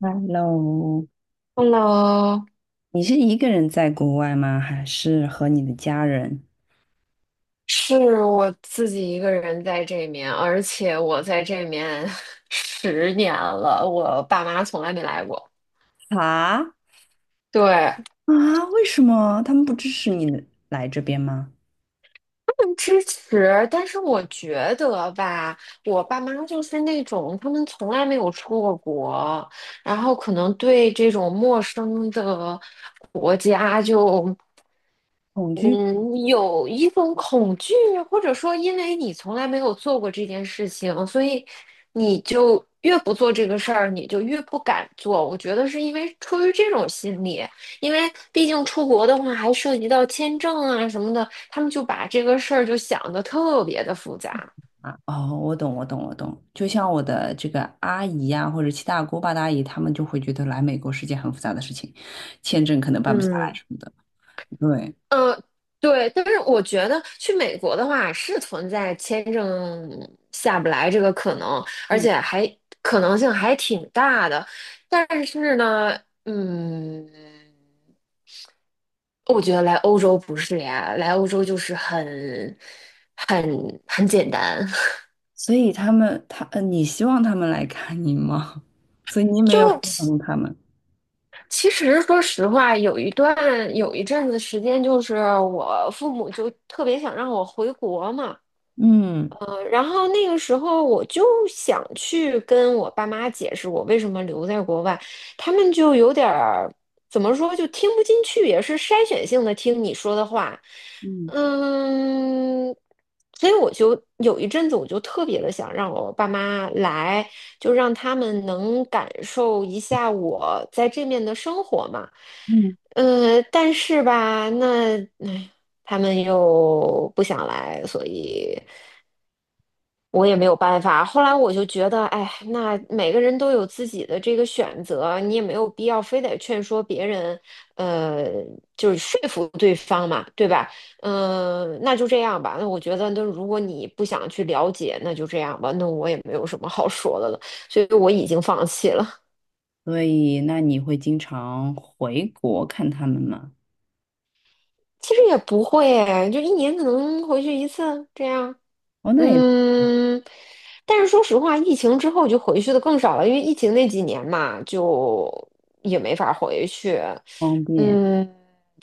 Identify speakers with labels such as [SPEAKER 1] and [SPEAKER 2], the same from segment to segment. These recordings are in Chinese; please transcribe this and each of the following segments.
[SPEAKER 1] Hello，
[SPEAKER 2] Hello，
[SPEAKER 1] 你是一个人在国外吗？还是和你的家人？
[SPEAKER 2] 是我自己一个人在这面，而且我在这面 10年了，我爸妈从来没来过。
[SPEAKER 1] 啊，
[SPEAKER 2] 对，他
[SPEAKER 1] 啊，为什么他们不支持你来这边吗？
[SPEAKER 2] 们支持，但是我觉得吧，我爸妈就是那种他们从来没有出过国，然后可能对这种陌生的国家就。
[SPEAKER 1] 恐惧。
[SPEAKER 2] 嗯，有一种恐惧，或者说因为你从来没有做过这件事情，所以你就越不做这个事儿，你就越不敢做。我觉得是因为出于这种心理，因为毕竟出国的话还涉及到签证啊什么的，他们就把这个事儿就想得特别的复杂。
[SPEAKER 1] 啊！哦，我懂，我懂，我懂。就像我的这个阿姨呀、或者七大姑八大姨，他们就会觉得来美国是件很复杂的事情，签证可能办不下来
[SPEAKER 2] 嗯。
[SPEAKER 1] 什么的。对，
[SPEAKER 2] 嗯，对，但是我觉得去美国的话是存在签证下不来这个可能，而
[SPEAKER 1] 嗯，
[SPEAKER 2] 且还可能性还挺大的。但是呢，嗯，我觉得来欧洲不是呀，来欧洲就是很、很、很简单。
[SPEAKER 1] 所以他们，他，你希望他们来看你吗？所以你没有
[SPEAKER 2] 就
[SPEAKER 1] 说
[SPEAKER 2] 其
[SPEAKER 1] 服他们。
[SPEAKER 2] 其实说实话，有一阵子时间，就是我父母就特别想让我回国嘛。
[SPEAKER 1] 嗯
[SPEAKER 2] 然后那个时候我就想去跟我爸妈解释我为什么留在国外，他们就有点儿怎么说，就听不进去，也是筛选性的听你说的话，
[SPEAKER 1] 嗯。
[SPEAKER 2] 嗯，所以我就有一阵子我就特别的想让我爸妈来，就让他们能感受一下我在这面的生活嘛，
[SPEAKER 1] 嗯。
[SPEAKER 2] 但是吧，那，哎，他们又不想来，所以。我也没有办法。后来我就觉得，哎，那每个人都有自己的这个选择，你也没有必要非得劝说别人，呃，就是说服对方嘛，对吧？嗯、那就这样吧。那我觉得，那如果你不想去了解，那就这样吧。那我也没有什么好说的了，所以我已经放弃了。
[SPEAKER 1] 所以那你会经常回国看他们吗？
[SPEAKER 2] 其实也不会诶，就一年可能回去一次这样。
[SPEAKER 1] 哦，那也
[SPEAKER 2] 嗯，但是说实话，疫情之后就回去的更少了，因为疫情那几年嘛，就也没法回去。
[SPEAKER 1] 方便。
[SPEAKER 2] 嗯，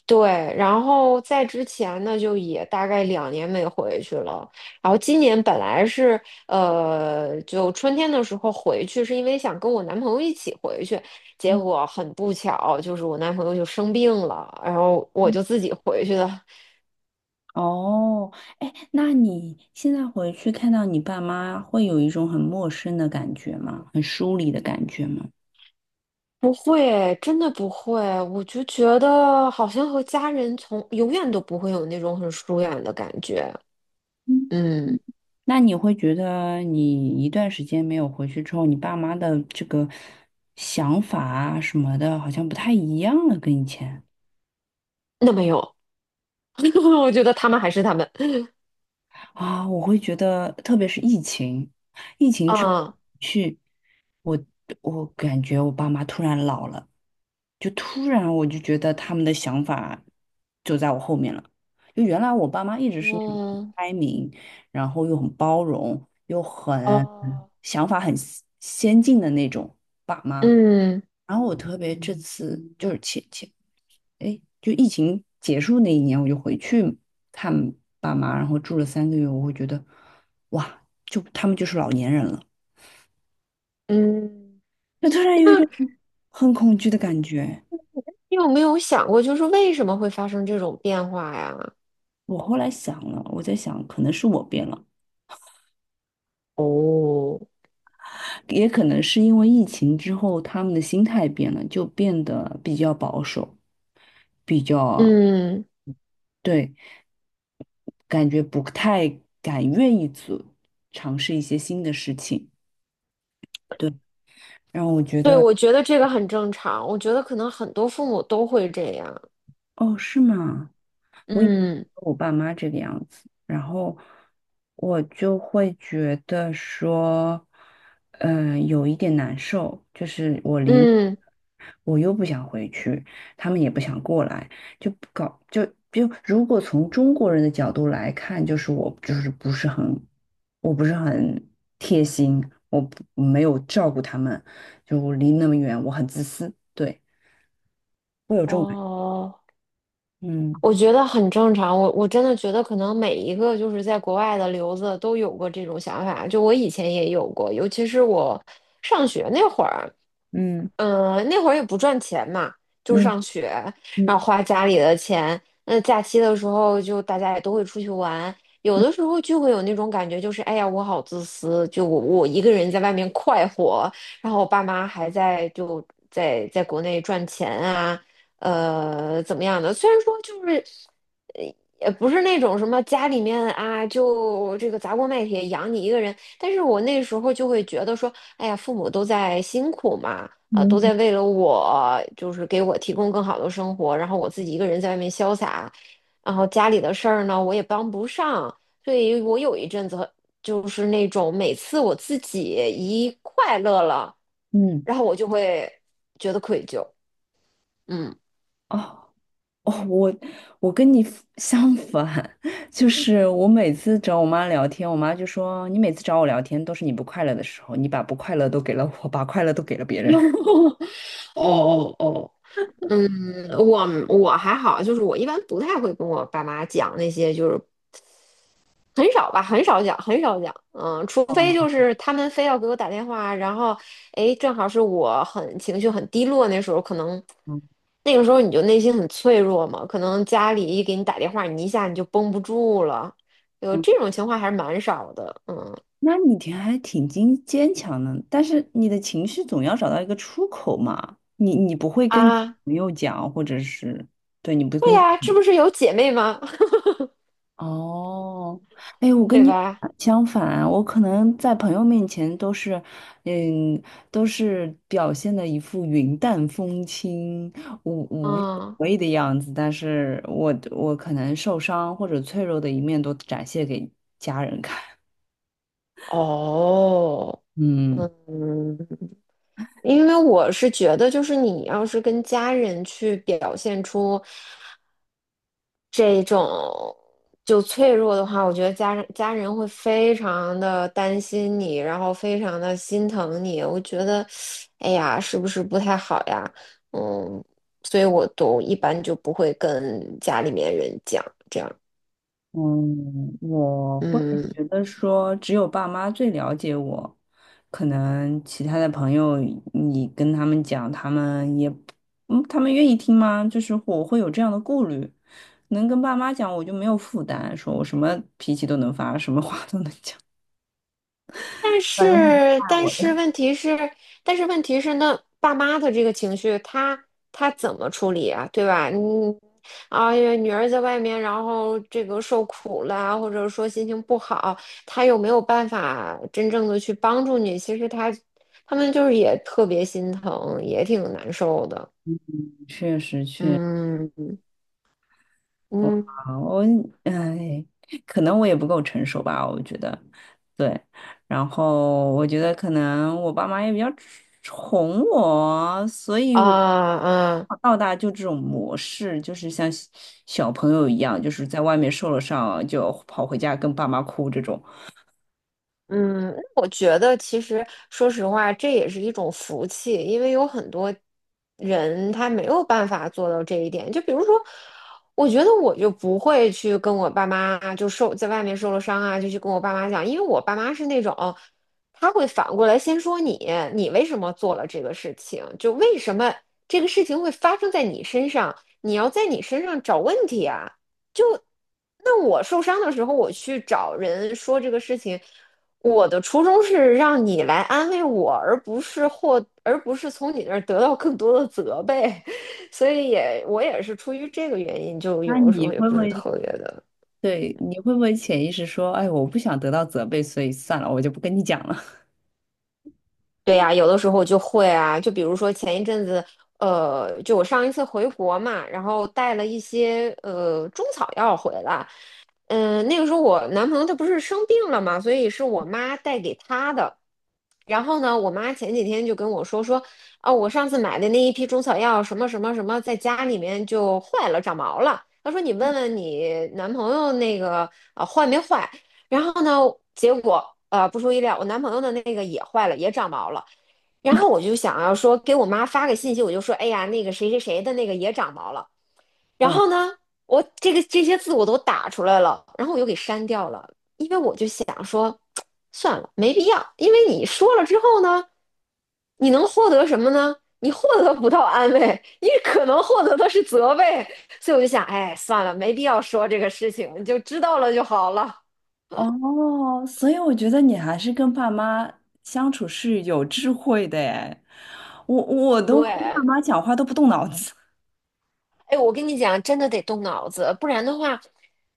[SPEAKER 2] 对。然后在之前呢，就也大概2年没回去了。然后今年本来是就春天的时候回去，是因为想跟我男朋友一起回去，结
[SPEAKER 1] 嗯。
[SPEAKER 2] 果很不巧，就是我男朋友就生病了，然后我
[SPEAKER 1] 嗯。
[SPEAKER 2] 就自己回去了。
[SPEAKER 1] 哦，哎，那你现在回去看到你爸妈，会有一种很陌生的感觉吗？很疏离的感觉吗？
[SPEAKER 2] 不会，真的不会，我就觉得好像和家人从永远都不会有那种很疏远的感觉。
[SPEAKER 1] 嗯，
[SPEAKER 2] 嗯，
[SPEAKER 1] 那你会觉得你一段时间没有回去之后，你爸妈的这个想法啊什么的，好像不太一样了，跟以前。
[SPEAKER 2] 那没有，我觉得他们还是他们。
[SPEAKER 1] 啊，我会觉得，特别是疫情，疫情之后
[SPEAKER 2] 啊，
[SPEAKER 1] 去，我我感觉我爸妈突然老了，就突然我就觉得他们的想法就在我后面了。就原来我爸妈一直是那种很
[SPEAKER 2] 嗯，
[SPEAKER 1] 开明，然后又很包容，又很
[SPEAKER 2] 哦，
[SPEAKER 1] 想法很先进的那种爸妈，
[SPEAKER 2] 嗯
[SPEAKER 1] 然后我特别这次就是前，哎，就疫情结束那一年，我就回去看爸妈，然后住了三个月，我会觉得，哇，就他们就是老年人了，
[SPEAKER 2] 嗯，
[SPEAKER 1] 就突然有一
[SPEAKER 2] 那
[SPEAKER 1] 种很恐惧的感觉。
[SPEAKER 2] 你有没有想过，就是为什么会发生这种变化呀？
[SPEAKER 1] 我后来想了，我在想，可能是我变了，
[SPEAKER 2] 哦，
[SPEAKER 1] 也可能是因为疫情之后他们的心态变了，就变得比较保守，比较，
[SPEAKER 2] 嗯。
[SPEAKER 1] 对，感觉不太敢愿意做尝试一些新的事情。对。然后我觉
[SPEAKER 2] 对，
[SPEAKER 1] 得，
[SPEAKER 2] 我觉得这个很正常，我觉得可能很多父母都会这样。
[SPEAKER 1] 哦，是吗？我以为
[SPEAKER 2] 嗯
[SPEAKER 1] 我爸妈这个样子，然后我就会觉得说，嗯、有一点难受，就是我离，
[SPEAKER 2] 嗯，
[SPEAKER 1] 我又不想回去，他们也不想过来，就不搞就就如果从中国人的角度来看，就是我就是不是很，我不是很贴心，我不没有照顾他们，就我离那么远，我很自私，对，会有这种感觉，
[SPEAKER 2] 哦，
[SPEAKER 1] 嗯。
[SPEAKER 2] 我觉得很正常。我真的觉得可能每一个就是在国外的留子都有过这种想法，就我以前也有过，尤其是我上学那会儿，
[SPEAKER 1] 嗯。
[SPEAKER 2] 嗯，那会儿也不赚钱嘛，就是
[SPEAKER 1] 嗯。
[SPEAKER 2] 上学，然后
[SPEAKER 1] 嗯。
[SPEAKER 2] 花家里的钱。那假期的时候，就大家也都会出去玩，有
[SPEAKER 1] 嗯。
[SPEAKER 2] 的时候就会有那种感觉，就是哎呀，我好自私，就我一个人在外面快活，然后我爸妈还在就在国内赚钱啊，怎么样的？虽然说就是，呃，也不是那种什么家里面啊，就这个砸锅卖铁养你一个人，但是我那时候就会觉得说，哎呀，父母都在辛苦嘛。都
[SPEAKER 1] 嗯。
[SPEAKER 2] 在为了我，就是给我提供更好的生活，然后我自己一个人在外面潇洒，然后家里的事儿呢，我也帮不上，所以我有一阵子很就是那种每次我自己一快乐了，
[SPEAKER 1] 嗯。
[SPEAKER 2] 然后我就会觉得愧疚，嗯。
[SPEAKER 1] 哦。哦，我跟你 相反，就是我每次找我妈聊天，我妈就说你每次找我聊天都是你不快乐的时候，你把不快乐都给了我，把快乐都给了别 人。
[SPEAKER 2] 哦哦哦，嗯，我还好，就是我一般不太会跟我爸妈讲那些就是很少吧，很少讲，很少讲，嗯，除非就是他们非要给我打电话，然后，哎，正好是我很情绪很低落，那时候可能，
[SPEAKER 1] 嗯。
[SPEAKER 2] 那个时候你就内心很脆弱嘛，可能家里一给你打电话，你一下你就绷不住了，有
[SPEAKER 1] 嗯。
[SPEAKER 2] 这种情况还是蛮少的。嗯，
[SPEAKER 1] 那你挺还挺坚强的，但是你的情绪总要找到一个出口嘛。你不会跟你
[SPEAKER 2] 啊，
[SPEAKER 1] 朋友讲，或者是对你不
[SPEAKER 2] 会
[SPEAKER 1] 跟，
[SPEAKER 2] 呀，这不是有姐妹吗？
[SPEAKER 1] 哦，哎，我跟
[SPEAKER 2] 对
[SPEAKER 1] 你
[SPEAKER 2] 吧？
[SPEAKER 1] 相反，我可能在朋友面前都是，嗯，都是表现的一副云淡风轻、无无所
[SPEAKER 2] 嗯，
[SPEAKER 1] 谓的样子，但是我可能受伤或者脆弱的一面都展现给家人看。
[SPEAKER 2] 哦，
[SPEAKER 1] 嗯。
[SPEAKER 2] 嗯，因为我是觉得，就是你要是跟家人去表现出这种就脆弱的话，我觉得家人会非常的担心你，然后非常的心疼你。我觉得，哎呀，是不是不太好呀？嗯，所以我都一般就不会跟家里面人讲这样。
[SPEAKER 1] 嗯，我会
[SPEAKER 2] 嗯。
[SPEAKER 1] 觉得说，只有爸妈最了解我，可能其他的朋友，你跟他们讲，他们也嗯，他们愿意听吗？就是我会有这样的顾虑，能跟爸妈讲，我就没有负担，说我什么脾气都能发，什么话都能讲。
[SPEAKER 2] 但
[SPEAKER 1] 反正
[SPEAKER 2] 是，但是问题是，但是问题是，那爸妈的这个情绪，他怎么处理啊？对吧？嗯，啊，因为女儿在外面，然后这个受苦了，或者说心情不好，他又没有办法真正的去帮助你。其实他们就是也特别心疼，也挺难受的。
[SPEAKER 1] 确实确。
[SPEAKER 2] 嗯，嗯，
[SPEAKER 1] 好，我，哎，可能我也不够成熟吧，我觉得，对。然后我觉得可能我爸妈也比较宠我，所以
[SPEAKER 2] 啊，
[SPEAKER 1] 我从
[SPEAKER 2] 啊，
[SPEAKER 1] 小到大就这种模式，就是像小朋友一样，就是在外面受了伤就跑回家跟爸妈哭这种。
[SPEAKER 2] 嗯，我觉得其实说实话，这也是一种福气，因为有很多人他没有办法做到这一点。就比如说，我觉得我就不会去跟我爸妈就受在外面受了伤啊，就去跟我爸妈讲，因为我爸妈是那种，他会反过来先说你，你为什么做了这个事情？就为什么这个事情会发生在你身上？你要在你身上找问题啊。那我受伤的时候，我去找人说这个事情，我的初衷是让你来安慰我，而不是从你那儿得到更多的责备，所以我也是出于这个原因，就
[SPEAKER 1] 那
[SPEAKER 2] 有的时
[SPEAKER 1] 你
[SPEAKER 2] 候也
[SPEAKER 1] 会
[SPEAKER 2] 不
[SPEAKER 1] 不
[SPEAKER 2] 是
[SPEAKER 1] 会，
[SPEAKER 2] 特别的。
[SPEAKER 1] 对，你会不会潜意识说，哎，我不想得到责备，所以算了，我就不跟你讲了。
[SPEAKER 2] 对呀，有的时候就会啊，就比如说前一阵子，就我上一次回国嘛，然后带了一些中草药回来，嗯、那个时候我男朋友他不是生病了嘛，所以是我妈带给他的。然后呢，我妈前几天就跟我说，哦，我上次买的那一批中草药什么什么什么，在家里面就坏了，长毛了。她说你问问你男朋友那个啊、坏没坏？然后呢，结果不出意料，我男朋友的那个也坏了，也长毛了。然后我就想要说给我妈发个信息，我就说，哎呀，那个谁谁谁的那个也长毛了。然
[SPEAKER 1] 嗯。
[SPEAKER 2] 后呢，我这个这些字我都打出来了，然后我又给删掉了，因为我就想说，算了，没必要，因为你说了之后呢，你能获得什么呢？你获得不到安慰，你可能获得的是责备，所以我就想，哎，算了，没必要说这个事情，你就知道了就好了。
[SPEAKER 1] 哦，所以我觉得你还是跟爸妈相处是有智慧的哎，我都跟爸
[SPEAKER 2] 对，
[SPEAKER 1] 妈讲话都不动脑子，
[SPEAKER 2] 哎，我跟你讲，真的得动脑子，不然的话，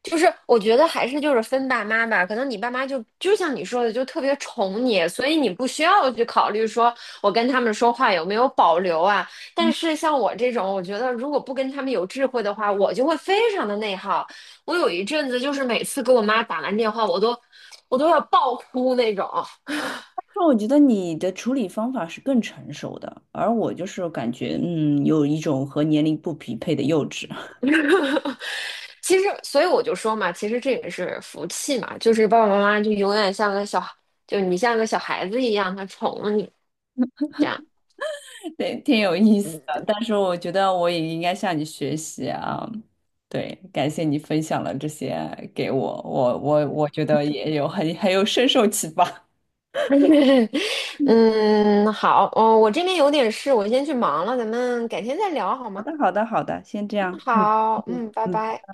[SPEAKER 2] 就是我觉得还是就是分爸妈吧，可能你爸妈就像你说的，就特别宠你，所以你不需要去考虑说我跟他们说话有没有保留啊。但是像我这种，我觉得如果不跟他们有智慧的话，我就会非常的内耗。我有一阵子就是每次给我妈打完电话，我都要爆哭那种。
[SPEAKER 1] 就我觉得你的处理方法是更成熟的，而我就是感觉嗯有一种和年龄不匹配的幼稚，
[SPEAKER 2] 其实，所以我就说嘛，其实这也是福气嘛，就是爸爸妈妈就永远像个小，就你像个小孩子一样，他宠了你，这样。
[SPEAKER 1] 对，挺有意思
[SPEAKER 2] 嗯
[SPEAKER 1] 的。但是我觉得我也应该向你学习啊，对，感谢你分享了这些给我，我觉得也有很有深受启发。
[SPEAKER 2] 嗯，好，哦，我这边有点事，我先去忙了，咱们改天再聊好
[SPEAKER 1] 好
[SPEAKER 2] 吗？
[SPEAKER 1] 的，好的，好的，先这
[SPEAKER 2] 嗯，
[SPEAKER 1] 样，嗯。
[SPEAKER 2] 好，
[SPEAKER 1] 嗯。
[SPEAKER 2] 嗯，拜
[SPEAKER 1] 嗯。
[SPEAKER 2] 拜。